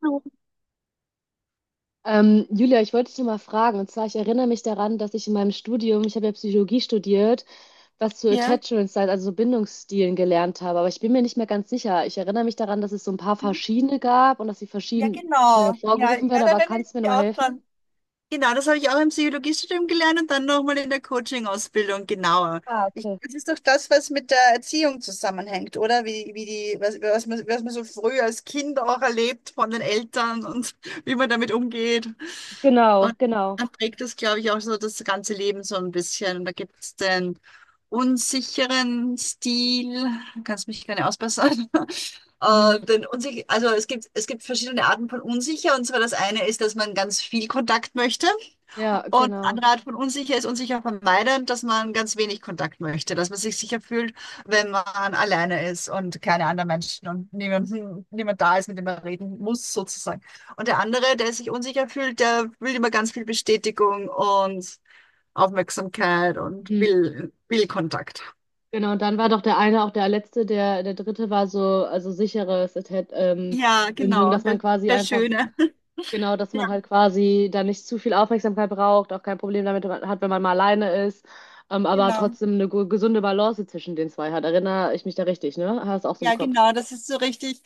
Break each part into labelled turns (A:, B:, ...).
A: Blumen,
B: Julia, ich wollte dich noch mal fragen, und zwar, ich erinnere mich daran, dass ich in meinem Studium, ich habe ja Psychologie studiert, was zu
A: ja.
B: Attachment Styles, also so Bindungsstilen gelernt habe, aber ich bin mir nicht mehr ganz sicher. Ich erinnere mich daran, dass es so ein paar
A: Mhm.
B: verschiedene gab und dass sie
A: Ja,
B: verschieden
A: genau. Ja, ja,
B: hervorgerufen werden,
A: da
B: aber
A: bin ich
B: kannst du mir noch
A: mich
B: mal
A: auch
B: helfen?
A: dran. Genau, das habe ich auch im Psychologiestudium gelernt und dann nochmal in der Coaching-Ausbildung genauer.
B: Ah,
A: Ich,
B: okay.
A: das ist doch das, was mit der Erziehung zusammenhängt, oder? Wie, wie die, was, was man so früh als Kind auch erlebt von den Eltern und wie man damit umgeht.
B: Genau,
A: Und
B: genau.
A: dann prägt es, glaube ich, auch so das ganze Leben so ein bisschen. Und da gibt es den unsicheren Stil, kannst mich gerne ausbessern.
B: Mhm.
A: Den unsich also es gibt verschiedene Arten von unsicher. Und zwar das eine ist, dass man ganz viel Kontakt möchte.
B: Ja,
A: Und
B: genau.
A: andere Art von unsicher ist unsicher vermeiden, dass man ganz wenig Kontakt möchte, dass man sich sicher fühlt, wenn man alleine ist und keine anderen Menschen und niemand da ist, mit dem man reden muss, sozusagen. Und der andere, der sich unsicher fühlt, der will immer ganz viel Bestätigung und Aufmerksamkeit und
B: Mhm.
A: will Kontakt.
B: Genau, und dann war doch der eine auch der letzte, der, der dritte war so, also sicheres
A: Ja,
B: Bindung,
A: genau,
B: dass man
A: der,
B: quasi
A: der
B: einfach.
A: Schöne.
B: Genau, dass
A: Ja,
B: man halt quasi da nicht zu viel Aufmerksamkeit braucht, auch kein Problem damit hat, wenn man mal alleine ist, aber
A: genau.
B: trotzdem eine gesunde Balance zwischen den zwei hat. Erinnere ich mich da richtig, ne? Hast auch so im
A: Ja,
B: Kopf.
A: genau, das ist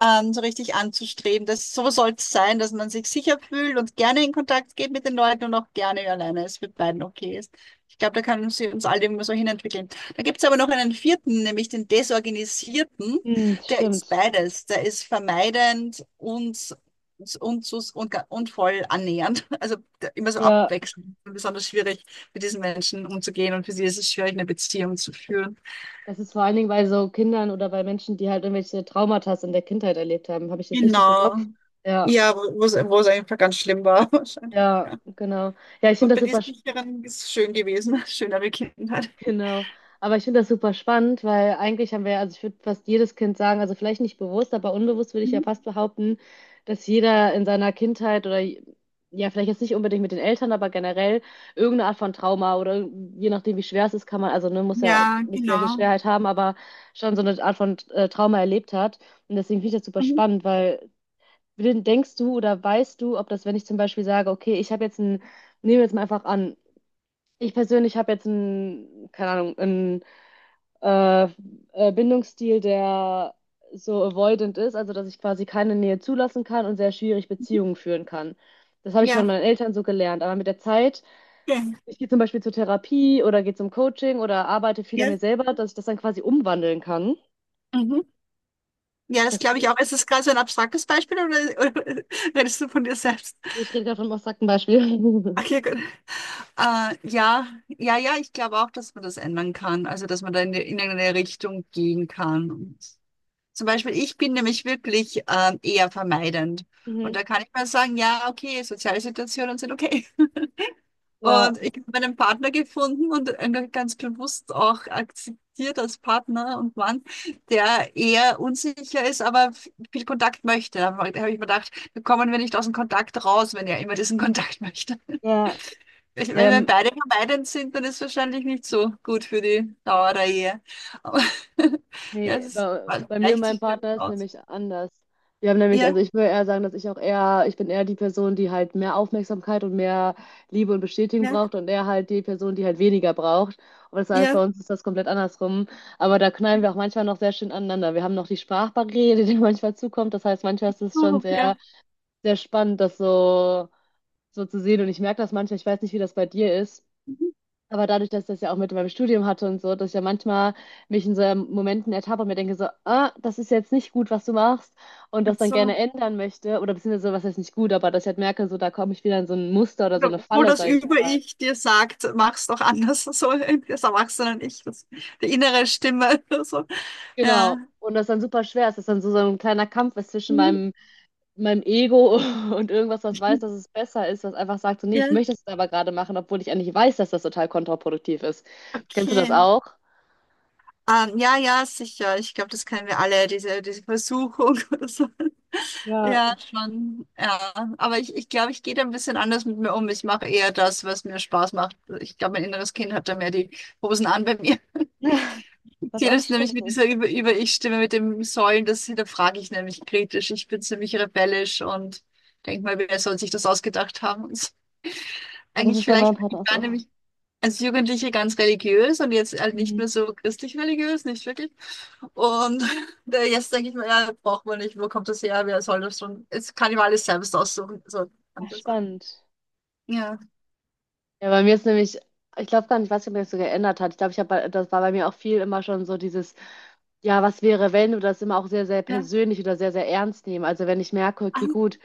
A: so richtig anzustreben. Das, so soll es sein, dass man sich sicher fühlt und gerne in Kontakt geht mit den Leuten und auch gerne alleine ist, mit beiden okay ist. Ich glaube, da können sie uns alle immer so hinentwickeln. Da gibt es aber noch einen vierten, nämlich den Desorganisierten.
B: Hm,
A: Der ist
B: stimmt.
A: beides. Der ist vermeidend und voll annähernd. Also der, immer so
B: Ja,
A: abwechselnd. Besonders schwierig, mit diesen Menschen umzugehen und für sie ist es schwierig, eine Beziehung zu führen.
B: das ist vor allen Dingen bei so Kindern oder bei Menschen, die halt irgendwelche Traumata in der Kindheit erlebt haben. Habe ich das richtig im Kopf?
A: Genau.
B: Ja,
A: Ja, wo es einfach ganz schlimm war, wahrscheinlich,
B: ja,
A: ja.
B: genau. Ja, ich finde
A: Und
B: das
A: bei den
B: super.
A: sicheren ist es schön gewesen, schönere Kindheit.
B: Genau. Aber ich finde das super spannend, weil eigentlich haben wir, also ich würde fast jedes Kind sagen, also vielleicht nicht bewusst, aber unbewusst würde ich ja
A: Mhm.
B: fast behaupten, dass jeder in seiner Kindheit oder ja, vielleicht jetzt nicht unbedingt mit den Eltern, aber generell irgendeine Art von Trauma oder je nachdem, wie schwer es ist, kann man, also ne, muss ja
A: Ja,
B: nicht gleiche
A: genau.
B: Schwerheit haben, aber schon so eine Art von Trauma erlebt hat. Und deswegen finde ich das super
A: Mhm.
B: spannend, weil denkst du oder weißt du, ob das, wenn ich zum Beispiel sage, okay, ich habe jetzt ein, nehmen wir jetzt mal einfach an, ich persönlich habe jetzt ein, keine Ahnung, äh, Bindungsstil, der so avoidant ist, also dass ich quasi keine Nähe zulassen kann und sehr schwierig Beziehungen führen kann. Das habe ich von
A: Ja,
B: meinen Eltern so gelernt. Aber mit der Zeit,
A: schön.
B: ich gehe zum Beispiel zur Therapie oder gehe zum Coaching oder arbeite viel an
A: Ja.
B: mir selber, dass ich das dann quasi umwandeln kann.
A: Mhm. Ja, das
B: Das
A: glaube ich
B: geht.
A: auch. Ist das gerade so ein abstraktes Beispiel oder redest du von dir selbst?
B: Nee, Ich rede gerade von einem ein Beispiel.
A: Okay, gut. Ja, ja, ja, ich glaube auch, dass man das ändern kann. Also, dass man da in eine Richtung gehen kann. Zum Beispiel, ich bin nämlich wirklich eher vermeidend. Und
B: Mhm.
A: da kann ich mal sagen, ja, okay, soziale Situationen sind okay.
B: Ja,
A: Und ich habe meinen Partner gefunden und einen ganz bewusst auch akzeptiert als Partner und Mann, der eher unsicher ist, aber viel Kontakt möchte. Da habe ich mir gedacht, da kommen wir nicht aus dem Kontakt raus, wenn er immer diesen Kontakt möchte.
B: ja, ja,
A: Wenn wir
B: beim.
A: beide vermeidend sind, dann ist es wahrscheinlich nicht so gut für die Dauer der Ehe. Aber ja, es
B: Nee,
A: ist, also,
B: bei mir und
A: gleicht
B: meinem
A: sich wirklich
B: Partner ist
A: aus.
B: nämlich anders. Wir haben nämlich,
A: Ja,
B: also ich würde eher sagen, dass ich auch eher, ich bin eher die Person, die halt mehr Aufmerksamkeit und mehr Liebe und Bestätigung
A: ja.
B: braucht und er halt die Person, die halt weniger braucht. Und das heißt,
A: Ja,
B: bei uns ist das komplett andersrum. Aber da knallen wir auch manchmal noch sehr schön aneinander. Wir haben noch die Sprachbarriere, die manchmal zukommt. Das heißt, manchmal ist es schon
A: so, ja.
B: sehr spannend, das so, so zu sehen. Und ich merke das manchmal, ich weiß nicht, wie das bei dir ist.
A: Mhm.
B: Aber dadurch, dass ich das ja auch mit meinem Studium hatte und so, dass ich ja manchmal mich in so Momenten ertappe und mir denke so, ah, das ist jetzt nicht gut, was du machst und das dann gerne
A: So,
B: ändern möchte oder beziehungsweise so, was heißt nicht gut, aber dass ich halt merke, so da komme ich wieder in so ein Muster oder so eine
A: wo
B: Falle,
A: das
B: sage ich mal.
A: Über-Ich dir sagt, mach's doch anders, so das Erwachsenen-Ich, das, die innere Stimme, so, ja.
B: Genau. Und das dann super schwer ist, dass dann so, so ein kleiner Kampf ist zwischen
A: Mhm.
B: meinem, meinem Ego und irgendwas, was weiß, dass es besser ist, was einfach sagt so, nee,
A: Ja,
B: ich möchte das jetzt aber gerade machen, obwohl ich eigentlich weiß, dass das total kontraproduktiv ist. Kennst du das
A: okay.
B: auch?
A: Ja, ja, sicher. Ich glaube, das kennen wir alle, diese Versuchung oder so.
B: Ja,
A: Ja, schon. Ja, aber ich glaube, ich gehe da ein bisschen anders mit mir um. Ich mache eher das, was mir Spaß macht. Ich glaube, mein inneres Kind hat da mehr die Hosen an bei mir.
B: was
A: Okay,
B: auch
A: das
B: nicht
A: nämlich
B: schlecht
A: mit
B: ist.
A: dieser Über-Ich-Stimme, mit dem Säulen, das hinterfrage ich nämlich kritisch. Ich bin ziemlich rebellisch und denke mal, wer soll sich das ausgedacht haben?
B: Ja, das ist
A: Eigentlich
B: bei meinem
A: vielleicht, ich
B: Partner
A: war
B: so.
A: nämlich als Jugendliche ganz religiös und jetzt halt nicht
B: Mhm.
A: mehr so christlich-religiös, nicht wirklich. Und da jetzt denke ich mir, ja, braucht man nicht, wo kommt das her, wer soll das schon? Jetzt kann ich mir alles selbst aussuchen, so kann
B: Ach,
A: ich das sagen.
B: spannend.
A: Ja.
B: Ja, bei mir ist nämlich, ich glaube gar nicht, ich weiß nicht, ob mir das so geändert hat. Ich glaube, ich habe, das war bei mir auch viel immer schon so dieses, ja, was wäre, wenn, oder das immer auch sehr
A: Ja.
B: persönlich oder sehr ernst nehmen. Also wenn ich merke,
A: Ach,
B: okay, gut,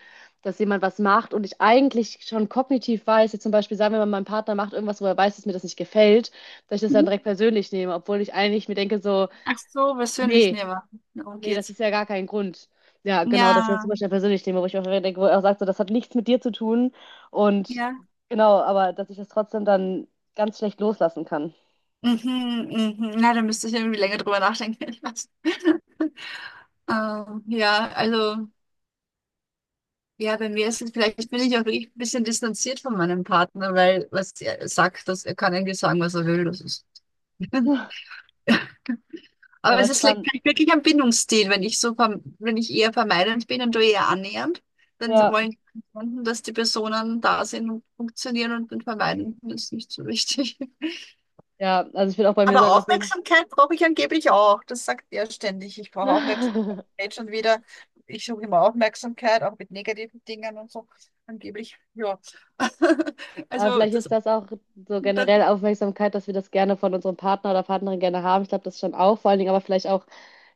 B: dass jemand was macht und ich eigentlich schon kognitiv weiß, jetzt zum Beispiel sagen wir mal, mein Partner macht irgendwas, wo er weiß, dass mir das nicht gefällt, dass ich das dann
A: mhm.
B: direkt persönlich nehme, obwohl ich eigentlich mir denke so,
A: Ach so, persönlich
B: nee.
A: nehmen. Darum
B: Nee, das
A: geht's.
B: ist ja gar kein Grund. Ja, genau, das ist ja
A: Ja,
B: super schnell persönlich Thema, wo ich mir denke, wo er auch sagt, so, das hat nichts mit dir zu tun. Und
A: ja.
B: genau, aber dass ich das trotzdem dann ganz schlecht loslassen kann.
A: Mhm, mhm. Na, da müsste ich irgendwie länger drüber nachdenken. Ich weiß. Ja, also, ja, bei mir ist es vielleicht, bin ich auch wirklich ein bisschen distanziert von meinem Partner, weil was er sagt, dass er kann eigentlich sagen, was er will. Das ist.
B: Ja,
A: Aber
B: aber
A: es ist vielleicht
B: spannend.
A: wirklich ein Bindungsstil, wenn ich so, wenn ich eher vermeidend bin und du eher annähernd, dann
B: Ja,
A: wollen Kunden, dass die Personen da sind und funktionieren und den Vermeidenden ist nicht so wichtig.
B: ja, also ich will auch bei mir
A: Aber
B: sagen, auf jeden
A: Aufmerksamkeit brauche ich angeblich auch. Das sagt er ständig. Ich brauche Aufmerksamkeit.
B: Fall.
A: Jetzt schon wieder. Ich suche immer Aufmerksamkeit, auch mit negativen Dingen und so. Angeblich, ja.
B: Aber
A: Also
B: vielleicht
A: das,
B: ist das auch so
A: das
B: generell Aufmerksamkeit, dass wir das gerne von unserem Partner oder Partnerin gerne haben. Ich glaube, das schon auch, vor allen Dingen aber vielleicht auch,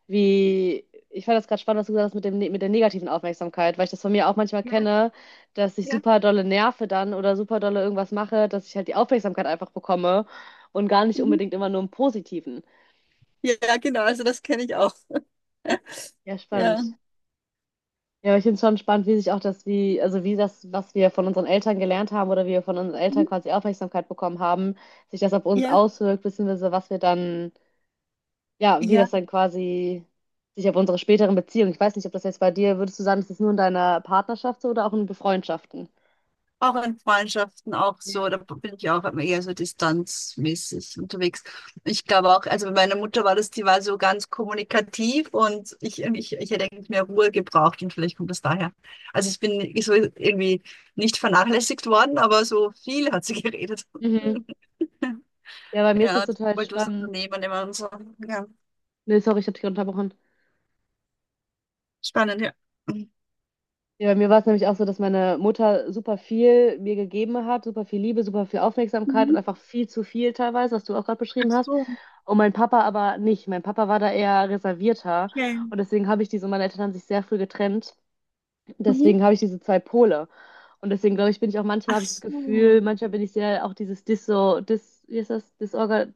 B: wie, ich fand das gerade spannend, was du gesagt hast mit dem, mit der negativen Aufmerksamkeit, weil ich das von mir auch manchmal
A: ja,
B: kenne, dass ich
A: ja.
B: super dolle nerve dann oder super dolle irgendwas mache, dass ich halt die Aufmerksamkeit einfach bekomme und gar nicht
A: Mhm.
B: unbedingt immer nur im Positiven.
A: Ja, genau. Also das kenne ich auch.
B: Ja,
A: Ja.
B: spannend. Ja, aber ich finde es schon spannend, wie sich auch das, wie, also wie das, was wir von unseren Eltern gelernt haben oder wie wir von unseren Eltern
A: Mhm.
B: quasi Aufmerksamkeit bekommen haben, sich das auf uns
A: Ja.
B: auswirkt, beziehungsweise was wir dann, ja, wie
A: Ja.
B: das dann quasi sich auf unsere späteren Beziehungen. Ich weiß nicht, ob das jetzt bei dir, würdest du sagen, ist das nur in deiner Partnerschaft so oder auch in Befreundschaften?
A: Auch in Freundschaften auch so,
B: Ja.
A: da bin ich auch immer eher so distanzmäßig unterwegs. Ich glaube auch, also bei meiner Mutter war das, die war so ganz kommunikativ und ich hätte eigentlich mehr Ruhe gebraucht und vielleicht kommt das daher. Also ich bin so irgendwie nicht vernachlässigt worden, aber so viel hat sie geredet.
B: Mhm. Ja, bei mir ist das
A: Ja, die
B: total
A: wollte was
B: spannend.
A: unternehmen immer und so. Ja,
B: Nee, sorry, ich habe dich unterbrochen.
A: spannend, ja.
B: Ja, bei mir war es nämlich auch so, dass meine Mutter super viel mir gegeben hat, super viel Liebe, super viel Aufmerksamkeit und
A: Mhm.
B: einfach viel zu viel teilweise, was du auch gerade
A: Ach
B: beschrieben hast.
A: so,
B: Und mein Papa aber nicht. Mein Papa war da eher reservierter.
A: okay.
B: Und deswegen habe ich diese, meine Eltern haben sich sehr früh getrennt.
A: Mhm.
B: Deswegen habe ich diese zwei Pole. Und deswegen glaube ich, bin ich auch manchmal, habe
A: Ach
B: ich das Gefühl,
A: so,
B: manchmal bin ich sehr auch dieses wie ist das? Disorga,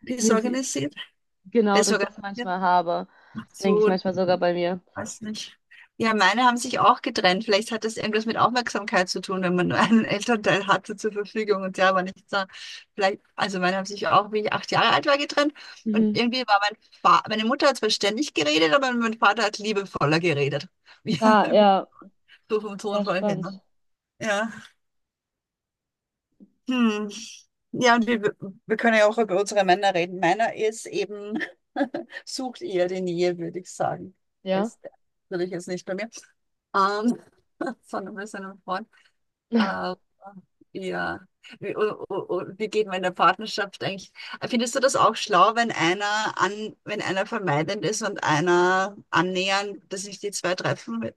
A: die ist
B: nee,
A: organisiert. Der
B: genau,
A: ist
B: dass ich das
A: organisiert.
B: manchmal habe.
A: Ach
B: Denke ich
A: so,
B: manchmal sogar bei mir.
A: weiß nicht. Ja, meine haben sich auch getrennt. Vielleicht hat das irgendwas mit Aufmerksamkeit zu tun, wenn man nur einen Elternteil hatte zur Verfügung und der war nicht da. Vielleicht, also meine haben sich auch, wie ich 8 Jahre alt war, getrennt. Und
B: Mhm.
A: irgendwie war mein Vater, meine Mutter hat zwar ständig geredet, aber mein Vater hat liebevoller geredet. Ja,
B: Ah, ja,
A: so vom
B: sehr
A: Tonfall her. Ne?
B: spannend.
A: Ja. Hm. Ja, und wir können ja auch über unsere Männer reden. Meiner ist eben, sucht eher die Nähe, würde ich sagen.
B: Ja.
A: Ist natürlich jetzt nicht bei mir. Ähm, von ein bisschen im Freund. Aber ja. Wie, wie geht man in der Partnerschaft eigentlich? Findest du das auch schlau, wenn einer vermeidend ist und einer annähernd, dass sich die zwei treffen?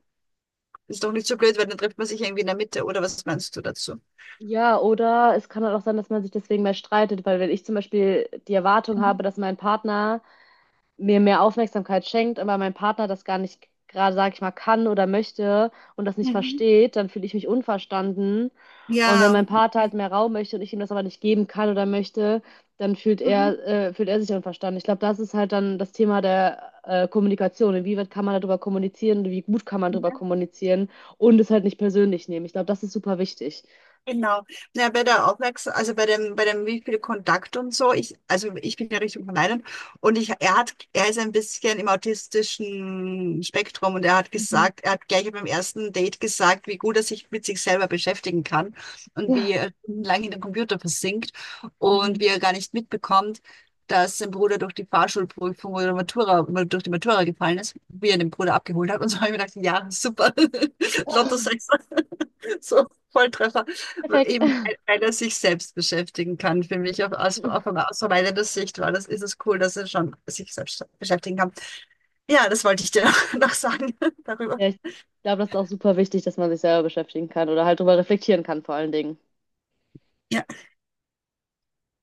A: Ist doch nicht so blöd, weil dann trifft man sich irgendwie in der Mitte, oder was meinst du dazu?
B: Ja, oder es kann halt auch sein, dass man sich deswegen mehr streitet, weil wenn ich zum Beispiel die Erwartung
A: Mhm.
B: habe, dass mein Partner mir mehr Aufmerksamkeit schenkt, aber mein Partner das gar nicht gerade, sag ich mal, kann oder möchte und das nicht
A: Mhm.
B: versteht, dann fühle ich mich unverstanden. Und wenn
A: Ja.
B: mein Partner halt mehr Raum möchte und ich ihm das aber nicht geben kann oder möchte, dann
A: Mhm.
B: fühlt er sich unverstanden. Ich glaube, das ist halt dann das Thema der Kommunikation. Inwieweit kann man darüber kommunizieren und wie gut kann man darüber kommunizieren und es halt nicht persönlich nehmen. Ich glaube, das ist super wichtig.
A: Genau. Ja, bei der Aufmerksamkeit, also bei dem, wie viel Kontakt und so, ich, also ich bin ja Richtung vermeiden und er hat, er ist ein bisschen im autistischen Spektrum und er hat
B: Mhm.
A: gesagt, er hat gleich beim ersten Date gesagt, wie gut er sich mit sich selber beschäftigen kann und wie er lange in den Computer versinkt und
B: Mhm.
A: wie er gar nicht mitbekommt, dass sein Bruder durch die Fahrschulprüfung oder Matura, durch die Matura gefallen ist, wie er den Bruder abgeholt hat und so habe ich mir gedacht, ja, super, Lotto 6, so Volltreffer.
B: Perfekt.
A: Eben, weil er sich selbst beschäftigen kann, für mich auf, aus verweilerter Sicht, weil das ist es cool, dass er schon sich selbst beschäftigen kann. Ja, das wollte ich dir noch sagen darüber.
B: Ja, ich glaube, das ist auch super wichtig, dass man sich selber beschäftigen kann oder halt drüber reflektieren kann, vor allen Dingen.